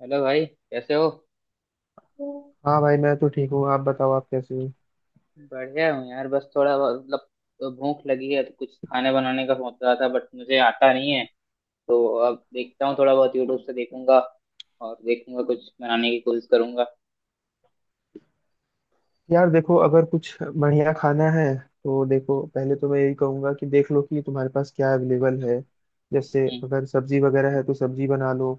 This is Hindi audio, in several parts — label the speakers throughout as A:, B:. A: हेलो भाई, कैसे हो? हूँ।
B: हाँ भाई, मैं तो ठीक हूँ। आप बताओ, आप कैसे हो?
A: बढ़िया हूँ यार। बस थोड़ा भूख लगी है तो कुछ खाने बनाने का सोच रहा था, बट मुझे आता नहीं है। तो अब देखता हूँ, थोड़ा बहुत यूट्यूब से देखूंगा और देखूंगा, कुछ बनाने की कोशिश करूंगा।
B: यार देखो, अगर कुछ बढ़िया खाना है तो देखो, पहले तो मैं यही कहूंगा कि देख लो कि तुम्हारे पास क्या अवेलेबल है। जैसे
A: हम्म।
B: अगर सब्जी वगैरह है तो सब्जी बना लो।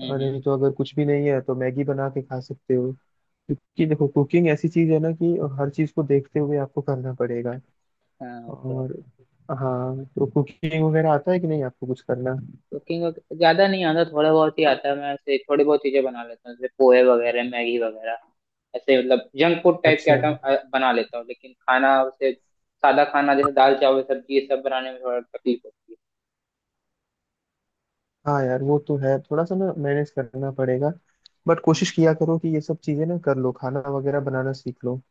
A: हम्म
B: और
A: हम्म,
B: नहीं तो अगर कुछ भी नहीं है तो मैगी बना के खा सकते हो। क्योंकि देखो, कुकिंग ऐसी चीज है ना कि हर चीज को देखते हुए आपको करना पड़ेगा।
A: हाँ, ओके।
B: और हाँ, तो कुकिंग वगैरह आता है कि नहीं आपको कुछ करना?
A: कुकिंग ज्यादा नहीं आता, थोड़ा बहुत ही आता है। मैं ऐसे थोड़ी बहुत चीजें बना लेता हूँ, जैसे पोहे वगैरह, मैगी वगैरह। ऐसे मतलब जंक फूड टाइप के
B: अच्छा।
A: आइटम बना लेता हूँ, लेकिन खाना उसे सादा खाना जैसे दाल चावल सब्जी, ये सब बनाने में थोड़ा तकलीफ होती है।
B: हाँ यार, वो तो है, थोड़ा सा ना मैनेज करना पड़ेगा। बट कोशिश
A: हम्म।
B: किया करो कि ये सब चीजें ना कर लो, खाना वगैरह बनाना सीख लो।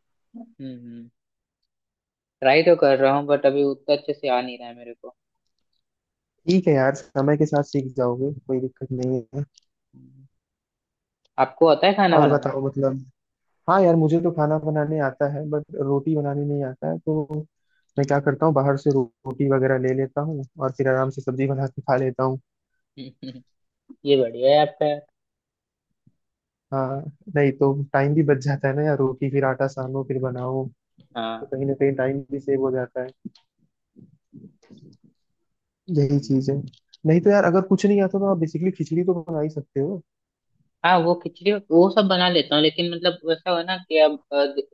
A: हम्म ट्राई तो कर रहा हूँ, बट अभी उतना अच्छे से आ नहीं रहा है मेरे को।
B: ठीक है यार, समय के साथ सीख जाओगे, कोई दिक्कत नहीं है।
A: हम्म, आपको आता है खाना
B: और
A: बनाना?
B: बताओ मतलब। हाँ यार, मुझे तो खाना बनाने आता है, बट रोटी बनाने नहीं आता है तो मैं क्या
A: हम्म,
B: करता हूँ, बाहर से रोटी वगैरह ले लेता हूँ और फिर आराम से सब्जी बना के खा लेता हूँ।
A: हम्म, ये बढ़िया है आपका यार।
B: हाँ। नहीं तो टाइम भी बच जाता है ना यार, रोटी फिर आटा सानो फिर बनाओ। तो
A: हाँ।
B: कहीं ना कहीं टाइम भी सेव हो जाता है। यही
A: हम्म,
B: चीज है। नहीं तो यार, अगर कुछ नहीं आता तो आप बेसिकली खिचड़ी तो बना ही सकते हो।
A: हाँ वो खिचड़ी वो सब बना लेता हूँ, लेकिन मतलब वैसा हो ना कि अब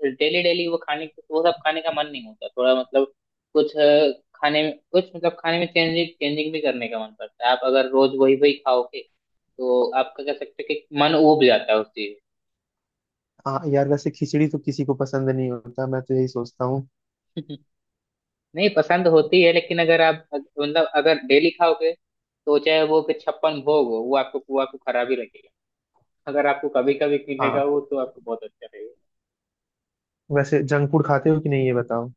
A: डेली डेली वो खाने, वो सब खाने का मन नहीं होता। थोड़ा मतलब कुछ खाने में कुछ मतलब खाने में चेंजिंग चेंजिंग भी करने का मन करता है। आप अगर रोज वही वही खाओगे तो आपका कह सकते हो कि मन उब जाता है उस चीज।
B: हाँ यार, वैसे खिचड़ी तो किसी को पसंद नहीं होता, मैं तो यही सोचता हूँ।
A: नहीं, पसंद होती है, लेकिन अगर आप मतलब अगर डेली खाओगे तो चाहे वो कि छप्पन भोग हो, वो आपको खराब ही लगेगा। अगर आपको कभी कभी मिलेगा
B: हाँ।
A: वो तो आपको बहुत अच्छा लगेगा।
B: वैसे जंक फूड खाते हो कि नहीं, ये बताओ?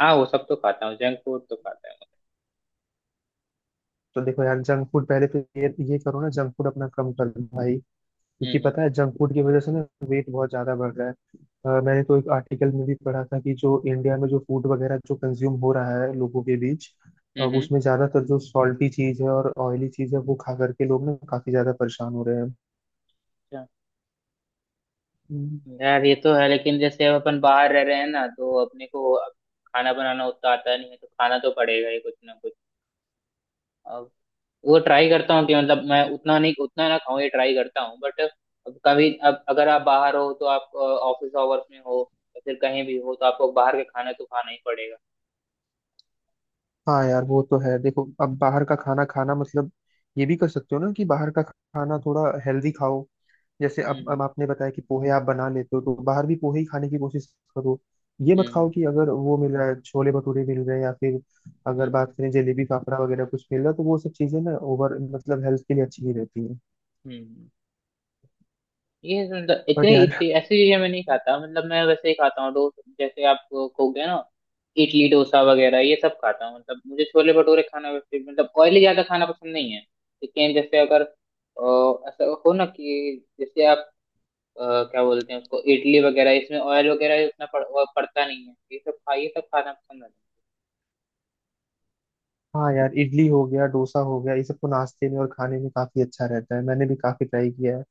A: हाँ, वो सब तो खाता हूँ, जंक फूड तो खाता हूँ।
B: तो देखो यार, जंक फूड पहले तो ये करो ना, जंक फूड अपना कम कर दो भाई। क्योंकि
A: हम्म।
B: पता है जंक फूड की वजह से ना वेट बहुत ज्यादा बढ़ रहा है। मैंने तो एक आर्टिकल में भी पढ़ा था कि जो इंडिया में जो फूड वगैरह जो कंज्यूम हो रहा है लोगों के बीच,
A: हम्म
B: अब
A: हम्म।
B: उसमें ज्यादातर जो सॉल्टी चीज है और ऑयली चीज है, वो खा करके लोग ना काफी ज्यादा परेशान हो रहे
A: अच्छा,
B: हैं।
A: यार ये तो है, लेकिन जैसे अब अपन बाहर रह रहे हैं ना तो अपने को अब खाना बनाना उतना आता नहीं है, तो खाना तो पड़ेगा ही कुछ ना कुछ। वो ट्राई करता हूँ कि मतलब मैं उतना नहीं उतना ना खाऊं, ये ट्राई करता हूँ, बट कभी अब अगर आप बाहर हो तो आप ऑफिस आवर्स में हो या फिर कहीं भी हो, तो आपको बाहर का खाना तो खाना ही पड़ेगा।
B: हाँ यार, वो तो है। देखो, अब बाहर का खाना खाना मतलब, ये भी कर सकते हो ना कि बाहर का खाना थोड़ा हेल्दी खाओ। जैसे अब
A: हम्म।
B: आपने बताया कि पोहे आप बना लेते हो, तो बाहर भी पोहे ही खाने की कोशिश करो। ये मत खाओ
A: हम्म
B: कि अगर वो मिल रहा है, छोले भटूरे मिल रहे हैं या फिर अगर
A: हम्म
B: बात करें जलेबी फाफड़ा वगैरह कुछ मिल रहा है, तो वो सब चीजें ना ओवर मतलब हेल्थ के लिए अच्छी नहीं रहती है।
A: हम्म ये मतलब
B: बट
A: इतनी
B: यार।
A: इतनी ऐसी चीजें मैं नहीं खाता। मतलब मैं वैसे ही खाता हूँ, डोसा जैसे आप, हो गया ना, इडली डोसा वगैरह ये सब खाता हूँ। मतलब मुझे छोले भटूरे खाना, वैसे मतलब ऑयली ज्यादा खाना पसंद नहीं है। लेकिन जैसे अगर ऐसा हो ना कि जैसे आप क्या बोलते हैं उसको, इडली वगैरह, इसमें ऑयल वगैरह उतना वो पड़ता नहीं है, ये सब खा ये सब खाना पसंद आता
B: हाँ यार, इडली हो गया, डोसा हो गया, ये सब तो नाश्ते में और खाने में काफी अच्छा रहता है, मैंने भी काफी ट्राई किया है।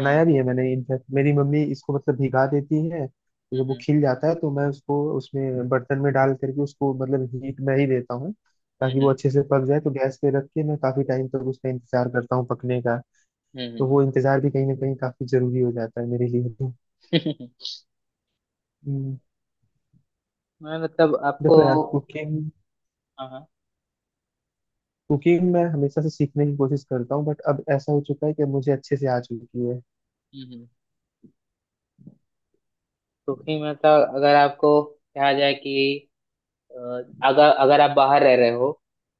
A: है।
B: भी है मैंने। इनफैक्ट मेरी मम्मी इसको मतलब भिगा देती है, तो जब वो
A: हम्म
B: खिल जाता है तो मैं उसको उसमें बर्तन में डाल करके उसको मतलब हीट में ही देता हूँ। ताकि वो
A: हम्म
B: अच्छे से पक जाए, तो गैस पे रख के मैं काफी टाइम तक उसका इंतजार करता हूँ पकने का।
A: हम्म
B: तो
A: हम्म
B: वो इंतजार भी कहीं ना कहीं काफी जरूरी हो जाता है मेरे लिए तो। हम्म।
A: मैं मतलब आपको,
B: देखो यार, कुकिंग
A: हाँ हाँ।
B: कुकिंग मैं हमेशा से सीखने की कोशिश करता हूँ, बट अब ऐसा हो चुका है कि मुझे अच्छे से आ चुकी है।
A: हम्म, क्योंकि मतलब अगर आपको कहा जाए कि अ, अगर अगर आप बाहर रह रहे हो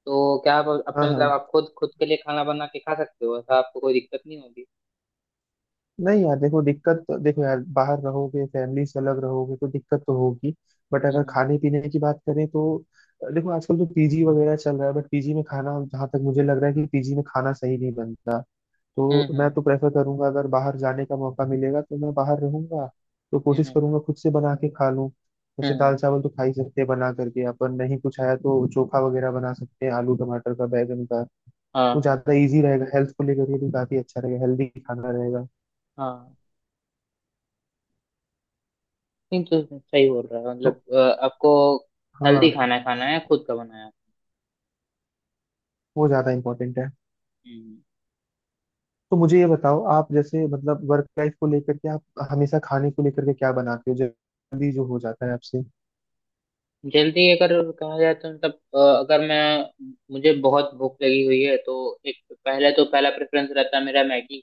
A: तो क्या आप
B: हाँ,
A: अपने मतलब
B: हाँ।
A: आप खुद खुद के लिए खाना बना के खा सकते हो? ऐसा आपको कोई दिक्कत नहीं होगी?
B: नहीं यार, देखो, देखो यार, बाहर रहोगे, फैमिली से अलग रहोगे तो दिक्कत तो होगी। बट अगर
A: हम्म
B: खाने पीने की बात करें तो देखो, आजकल तो पीजी वगैरह चल रहा है, बट पीजी में खाना, जहाँ तक मुझे लग रहा है कि पीजी में खाना सही नहीं बनता।
A: हम्म
B: तो मैं
A: हम्म
B: तो प्रेफर करूंगा, अगर बाहर जाने का मौका मिलेगा तो मैं बाहर रहूंगा। तो कोशिश
A: हम्म
B: करूंगा खुद से बना के खा लूँ। जैसे
A: हम्म,
B: दाल
A: हम्म,
B: चावल तो खा ही सकते हैं बना करके अपन, नहीं कुछ आया तो चोखा वगैरह बना सकते हैं, आलू टमाटर का, बैंगन का। वो
A: हाँ
B: ज्यादा इजी रहेगा, हेल्थ को लेकर के भी काफी अच्छा रहेगा, हेल्दी खाना रहेगा।
A: हाँ। नहीं तो सही बोल रहा है, मतलब
B: तो।
A: आपको हेल्दी
B: हाँ।
A: खाना खाना है, खुद का बनाया।
B: वो ज्यादा इंपॉर्टेंट है।
A: हम्म।
B: तो मुझे ये बताओ, आप जैसे मतलब वर्क लाइफ को लेकर के आप हमेशा खाने को लेकर के क्या बनाते हो जल्दी जो हो जाता है आपसे?
A: जल्दी अगर कहा जाए तो मतलब अगर मैं, मुझे बहुत भूख लगी हुई है तो एक पहले तो पहला प्रेफरेंस रहता है मेरा मैगी।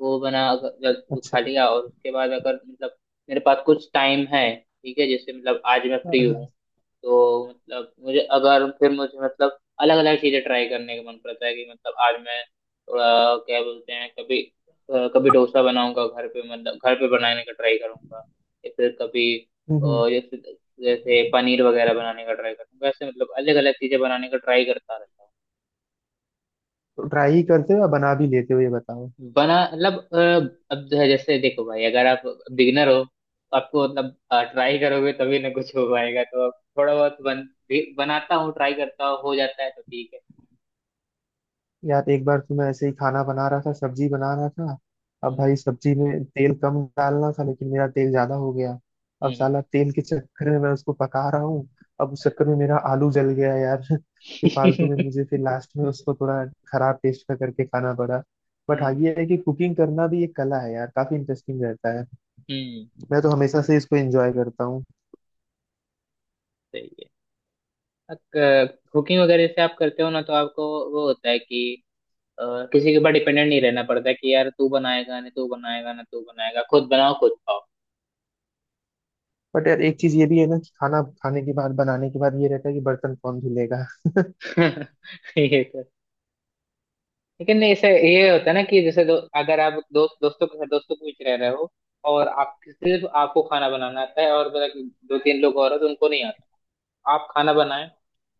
A: वो बना अगर
B: अच्छा।
A: खा लिया, और उसके बाद अगर मतलब मेरे पास कुछ टाइम है, ठीक है, जैसे मतलब आज मैं
B: हाँ,
A: फ्री हूँ,
B: हाँ।
A: तो मतलब मुझे अगर फिर मुझे मतलब अलग अलग चीजें ट्राई करने का मन करता है कि मतलब आज मैं थोड़ा, क्या बोलते हैं, कभी कभी डोसा बनाऊंगा घर पे, मतलब घर पे बनाने का ट्राई करूंगा, या फिर कभी
B: हम्म, हम्म।
A: अ, जैसे जैसे पनीर वगैरह बनाने का ट्राई करूंगा। ऐसे मतलब अलग अलग चीजें बनाने का ट्राई करता रहता हूँ।
B: तो ट्राई ही करते हो या बना भी लेते हो, ये बताओ?
A: बना मतलब अब जो है, जैसे देखो भाई, अगर आप बिगिनर हो तो आपको मतलब ट्राई करोगे तभी ना कुछ हो पाएगा। तो अब थोड़ा बहुत बनाता हूँ, ट्राई करता हूँ, हो जाता है तो ठीक है।
B: यार एक बार तो मैं ऐसे ही खाना बना रहा था, सब्जी बना रहा था। अब
A: हम्म
B: भाई, सब्जी में तेल कम डालना था लेकिन मेरा तेल ज्यादा हो गया। अब
A: हम्म
B: साला तेल के चक्कर में मैं उसको पका रहा हूँ। अब उस चक्कर में मेरा आलू जल गया यार। फिर फालतू में
A: हम्म
B: मुझे फिर लास्ट में उसको थोड़ा खराब टेस्ट का करके खाना पड़ा। बट हाँ,
A: हम्म,
B: ये है कि कुकिंग करना भी एक कला है यार, काफी इंटरेस्टिंग रहता है।
A: हम्म,
B: मैं तो हमेशा से इसको एंजॉय करता हूँ।
A: सही है। कुकिंग वगैरह से आप करते हो ना तो आपको वो होता है कि अ, किसी के ऊपर डिपेंडेंट नहीं रहना पड़ता है कि यार तू बनाएगा ना तू बनाएगा ना तू बनाएगा, खुद बनाओ खुद खाओ।
B: बट यार, एक चीज ये भी है ना कि खाना खाने के बाद, बनाने के बाद, ये रहता है कि बर्तन कौन धुलेगा?
A: ये तो, लेकिन ऐसे ये होता है ना कि जैसे अगर आप दोस्तों के साथ, दोस्तों के बीच रह रहे हो, और आप सिर्फ, आपको खाना बनाना आता है और मतलब दो तीन लोग और हैं तो उनको नहीं आता, आप खाना बनाएं,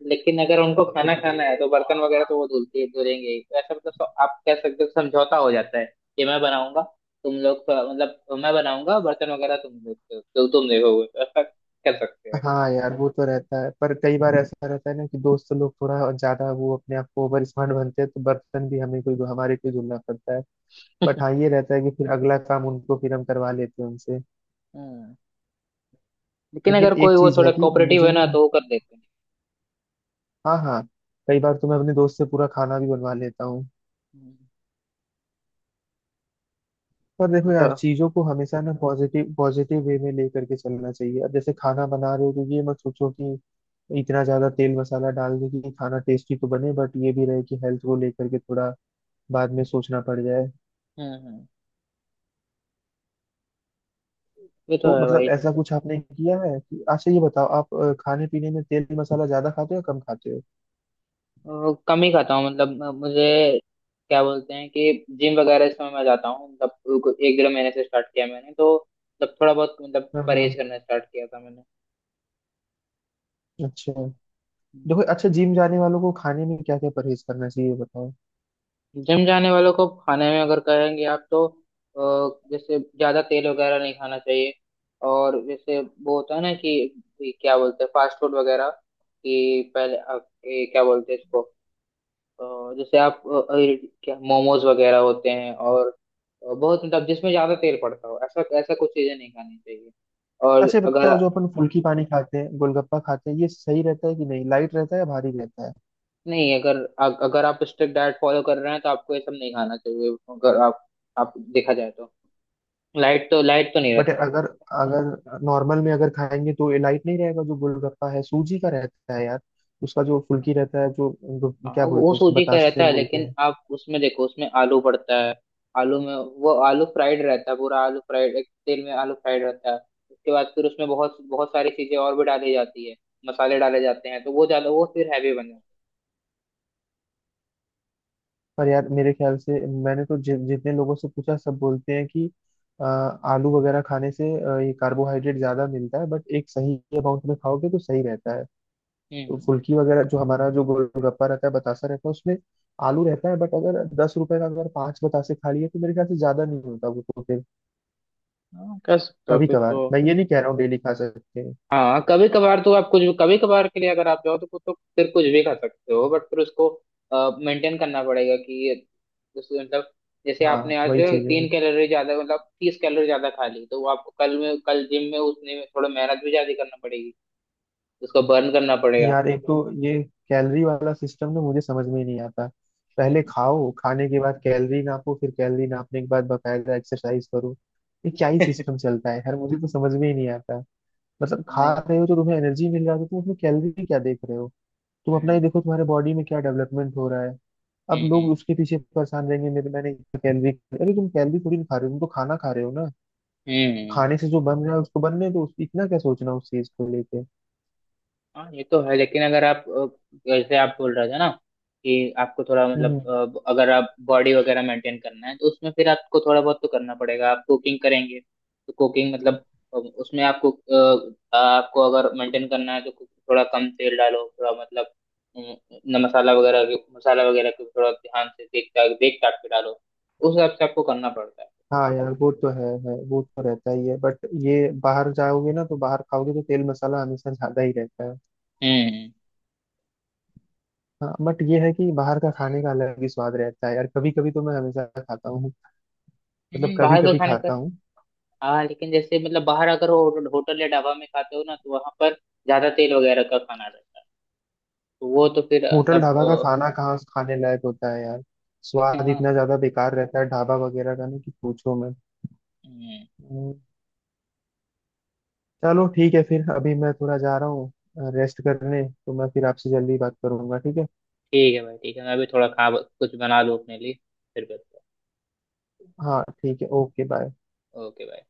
A: लेकिन अगर उनको खाना खाना है तो बर्तन वगैरह तो वो धुलते ही धुलेंगे ही। तो ऐसा मतलब आप कह सकते हो समझौता हो जाता है कि मैं बनाऊंगा, तुम लोग मतलब मैं बनाऊंगा, बर्तन वगैरह तुम देखते हो, तो तुम देखोगे, तो ऐसा कर सकते हैं।
B: हाँ यार, वो तो रहता है, पर कई बार ऐसा रहता है ना कि दोस्त लोग थोड़ा ज्यादा वो अपने आप को ओवर स्मार्ट बनते हैं, तो बर्तन भी हमें कोई, हमारे कोई धुलना पड़ता है। बट हाँ, ये रहता है कि फिर अगला काम उनको फिर हम करवा लेते हैं उनसे।
A: हम्म, लेकिन
B: लेकिन
A: अगर
B: एक
A: कोई वो
B: चीज
A: थोड़ा
B: है कि
A: कोऑपरेटिव
B: मुझे
A: है ना
B: ना,
A: तो वो कर देते हैं।
B: हाँ, हाँ, कई बार तो मैं अपने दोस्त से पूरा खाना भी बनवा लेता हूँ।
A: हम्म,
B: पर देखो
A: तो
B: यार, चीजों को हमेशा ना पॉजिटिव पॉजिटिव वे में लेकर के चलना चाहिए। अब जैसे खाना बना रहे हो तो ये मत सोचो कि इतना ज्यादा तेल मसाला डाल दे कि खाना टेस्टी तो बने, बट ये भी रहे कि हेल्थ को लेकर के थोड़ा बाद में सोचना पड़ जाए।
A: हम्म हम्म ये तो
B: तो
A: है
B: मतलब
A: भाई।
B: ऐसा कुछ आपने किया है कि अच्छा ये बताओ, आप खाने पीने में तेल मसाला ज्यादा खाते हो या कम खाते हो?
A: अ, कम ही खाता हूँ। मतलब मुझे क्या बोलते हैं कि जिम वगैरह इस समय मैं जाता हूँ, मतलब एक डेढ़ महीने से स्टार्ट किया मैंने, तो मतलब थोड़ा बहुत मतलब
B: हाँ, हाँ।
A: परहेज करना स्टार्ट किया था मैंने।
B: अच्छा। देखो, अच्छा, जिम जाने वालों को खाने में क्या क्या परहेज करना चाहिए, ये बताओ?
A: जिम जाने वालों को खाने में अगर कहेंगे आप तो जैसे ज्यादा तेल वगैरह नहीं खाना चाहिए, और जैसे वो होता है ना कि क्या बोलते हैं, फास्ट फूड वगैरह, कि पहले आप, ये क्या बोलते हैं इसको, जैसे आप क्या, मोमोज वगैरह होते हैं, और बहुत मतलब जिसमें ज्यादा तेल पड़ता हो, ऐसा ऐसा कुछ चीजें नहीं खानी चाहिए। और
B: अच्छा ये
A: अगर,
B: बताओ, जो अपन फुल्की पानी खाते हैं, गोलगप्पा खाते हैं, ये सही रहता है कि नहीं, लाइट रहता है या भारी रहता है?
A: नहीं, अगर अगर आप स्ट्रिक्ट डाइट फॉलो कर रहे हैं तो आपको ये सब नहीं खाना चाहिए। अगर आप आप देखा जाए तो लाइट तो, लाइट तो नहीं
B: बट
A: रहता है।
B: अगर, अगर नॉर्मल में अगर खाएंगे तो ये लाइट नहीं रहेगा। जो गोलगप्पा है सूजी का रहता है यार। उसका जो फुल्की रहता है, जो जो
A: हाँ,
B: क्या
A: वो
B: बोलते हैं उसको
A: सूजी का रहता
B: बतासे
A: है,
B: बोलते
A: लेकिन
B: हैं।
A: आप उसमें देखो उसमें आलू पड़ता है। आलू में वो आलू फ्राइड रहता है, पूरा आलू फ्राइड, एक तेल में आलू फ्राइड रहता है। उसके बाद फिर उसमें बहुत बहुत सारी चीजें और भी डाली जाती है, मसाले डाले जाते हैं, तो वो ज्यादा वो फिर हैवी बन जाता
B: पर यार मेरे ख्याल से, मैंने तो जितने लोगों से पूछा सब बोलते हैं कि आलू वगैरह खाने से ये कार्बोहाइड्रेट ज्यादा मिलता है, बट एक सही अमाउंट में खाओगे तो सही रहता है।
A: है।
B: तो
A: हम्म।
B: फुल्की वगैरह जो हमारा जो गोलगप्पा रहता है, बतासा रहता है, उसमें आलू रहता है, बट अगर 10 रुपए का अगर पांच बतासे खा लिए तो मेरे ख्याल से ज्यादा नहीं होता, वो तो फिर
A: हाँ, कह सकते हो
B: कभी
A: फिर
B: कभार,
A: तो।
B: मैं ये नहीं कह रहा हूँ डेली खा सकते हैं।
A: हाँ, कभी कभार तो आप कुछ भी, कभी कभार के लिए अगर आप जाओ तो फिर कुछ भी खा सकते हो, बट फिर उसको मेंटेन करना पड़ेगा कि ये जैसे मतलब जैसे
B: हाँ,
A: आपने आज
B: वही चीज है।
A: तीन कैलोरी ज्यादा मतलब तीस कैलोरी ज्यादा खा ली, तो वो आपको कल जिम में उसने में थोड़ा मेहनत भी ज्यादा करना पड़ेगी, उसको बर्न करना पड़ेगा
B: यार
A: आपको।
B: एक तो ये कैलोरी वाला सिस्टम ना मुझे समझ में ही नहीं आता। पहले खाओ, खाने के बाद कैलोरी नापो, फिर कैलोरी नापने के बाद बकायदा एक्सरसाइज करो। ये क्या ही सिस्टम चलता है यार, मुझे तो समझ में ही नहीं आता। मतलब
A: हाँ
B: खा
A: ये
B: रहे हो तो तुम्हें एनर्जी मिल रहा है, तो तुम उसमें कैलोरी क्या देख रहे हो? तुम
A: तो
B: अपना ही
A: है।
B: देखो, तुम्हारे बॉडी में क्या डेवलपमेंट हो रहा है। अब लोग
A: हम्म
B: उसके पीछे परेशान रहेंगे, मेरे मैंने कैलोरी। अरे तुम कैलोरी थोड़ी ना खा रहे हो, तुम तो खाना खा रहे हो ना।
A: हम्म हम्म
B: खाने से जो बन रहा है उसको बनने दो, इतना क्या सोचना उस चीज को लेके।
A: हाँ ये तो है, लेकिन अगर आप जैसे आप बोल रहे थे ना कि आपको थोड़ा मतलब
B: हम्म।
A: अगर आप बॉडी वगैरह मेंटेन करना है तो उसमें फिर आपको थोड़ा बहुत तो करना पड़ेगा। आप कुकिंग करेंगे तो कुकिंग मतलब उसमें आपको आपको अगर मेंटेन करना है तो कुछ थोड़ा कम तेल डालो, थोड़ा मतलब अ, न मसाला मसाला वगैरह को थोड़ा ध्यान से देख देख ताक के डालो। उस हिसाब से आपको करना पड़ता है।
B: हाँ यार, वो तो है वो तो रहता ही है, बट ये बाहर जाओगे ना तो बाहर खाओगे तो तेल मसाला हमेशा ज्यादा ही रहता है।
A: हम्म
B: हाँ, बट ये है कि बाहर का खाने का अलग ही स्वाद रहता है यार, कभी कभी तो मैं हमेशा खाता हूँ। मतलब कभी
A: बाहर के
B: कभी
A: खाने का,
B: खाता हूँ।
A: हाँ लेकिन जैसे मतलब बाहर अगर होटल या ढाबा में खाते हो ना तो वहां पर ज्यादा तेल वगैरह का खाना रहता है, तो वो तो फिर
B: होटल
A: मतलब
B: ढाबा का खाना कहाँ खाने लायक होता है यार।
A: अ,
B: स्वाद इतना ज्यादा बेकार रहता है ढाबा वगैरह का, ना कि पूछो मैं।
A: हम्म,
B: चलो, ठीक है फिर, अभी मैं थोड़ा जा रहा हूँ रेस्ट करने, तो मैं फिर आपसे जल्दी बात करूंगा, ठीक है?
A: ठीक है भाई, ठीक है, मैं भी थोड़ा खा कुछ बना लूँ अपने लिए, फिर बताता
B: हाँ, ठीक है, ओके, बाय।
A: हूँ। ओके भाई।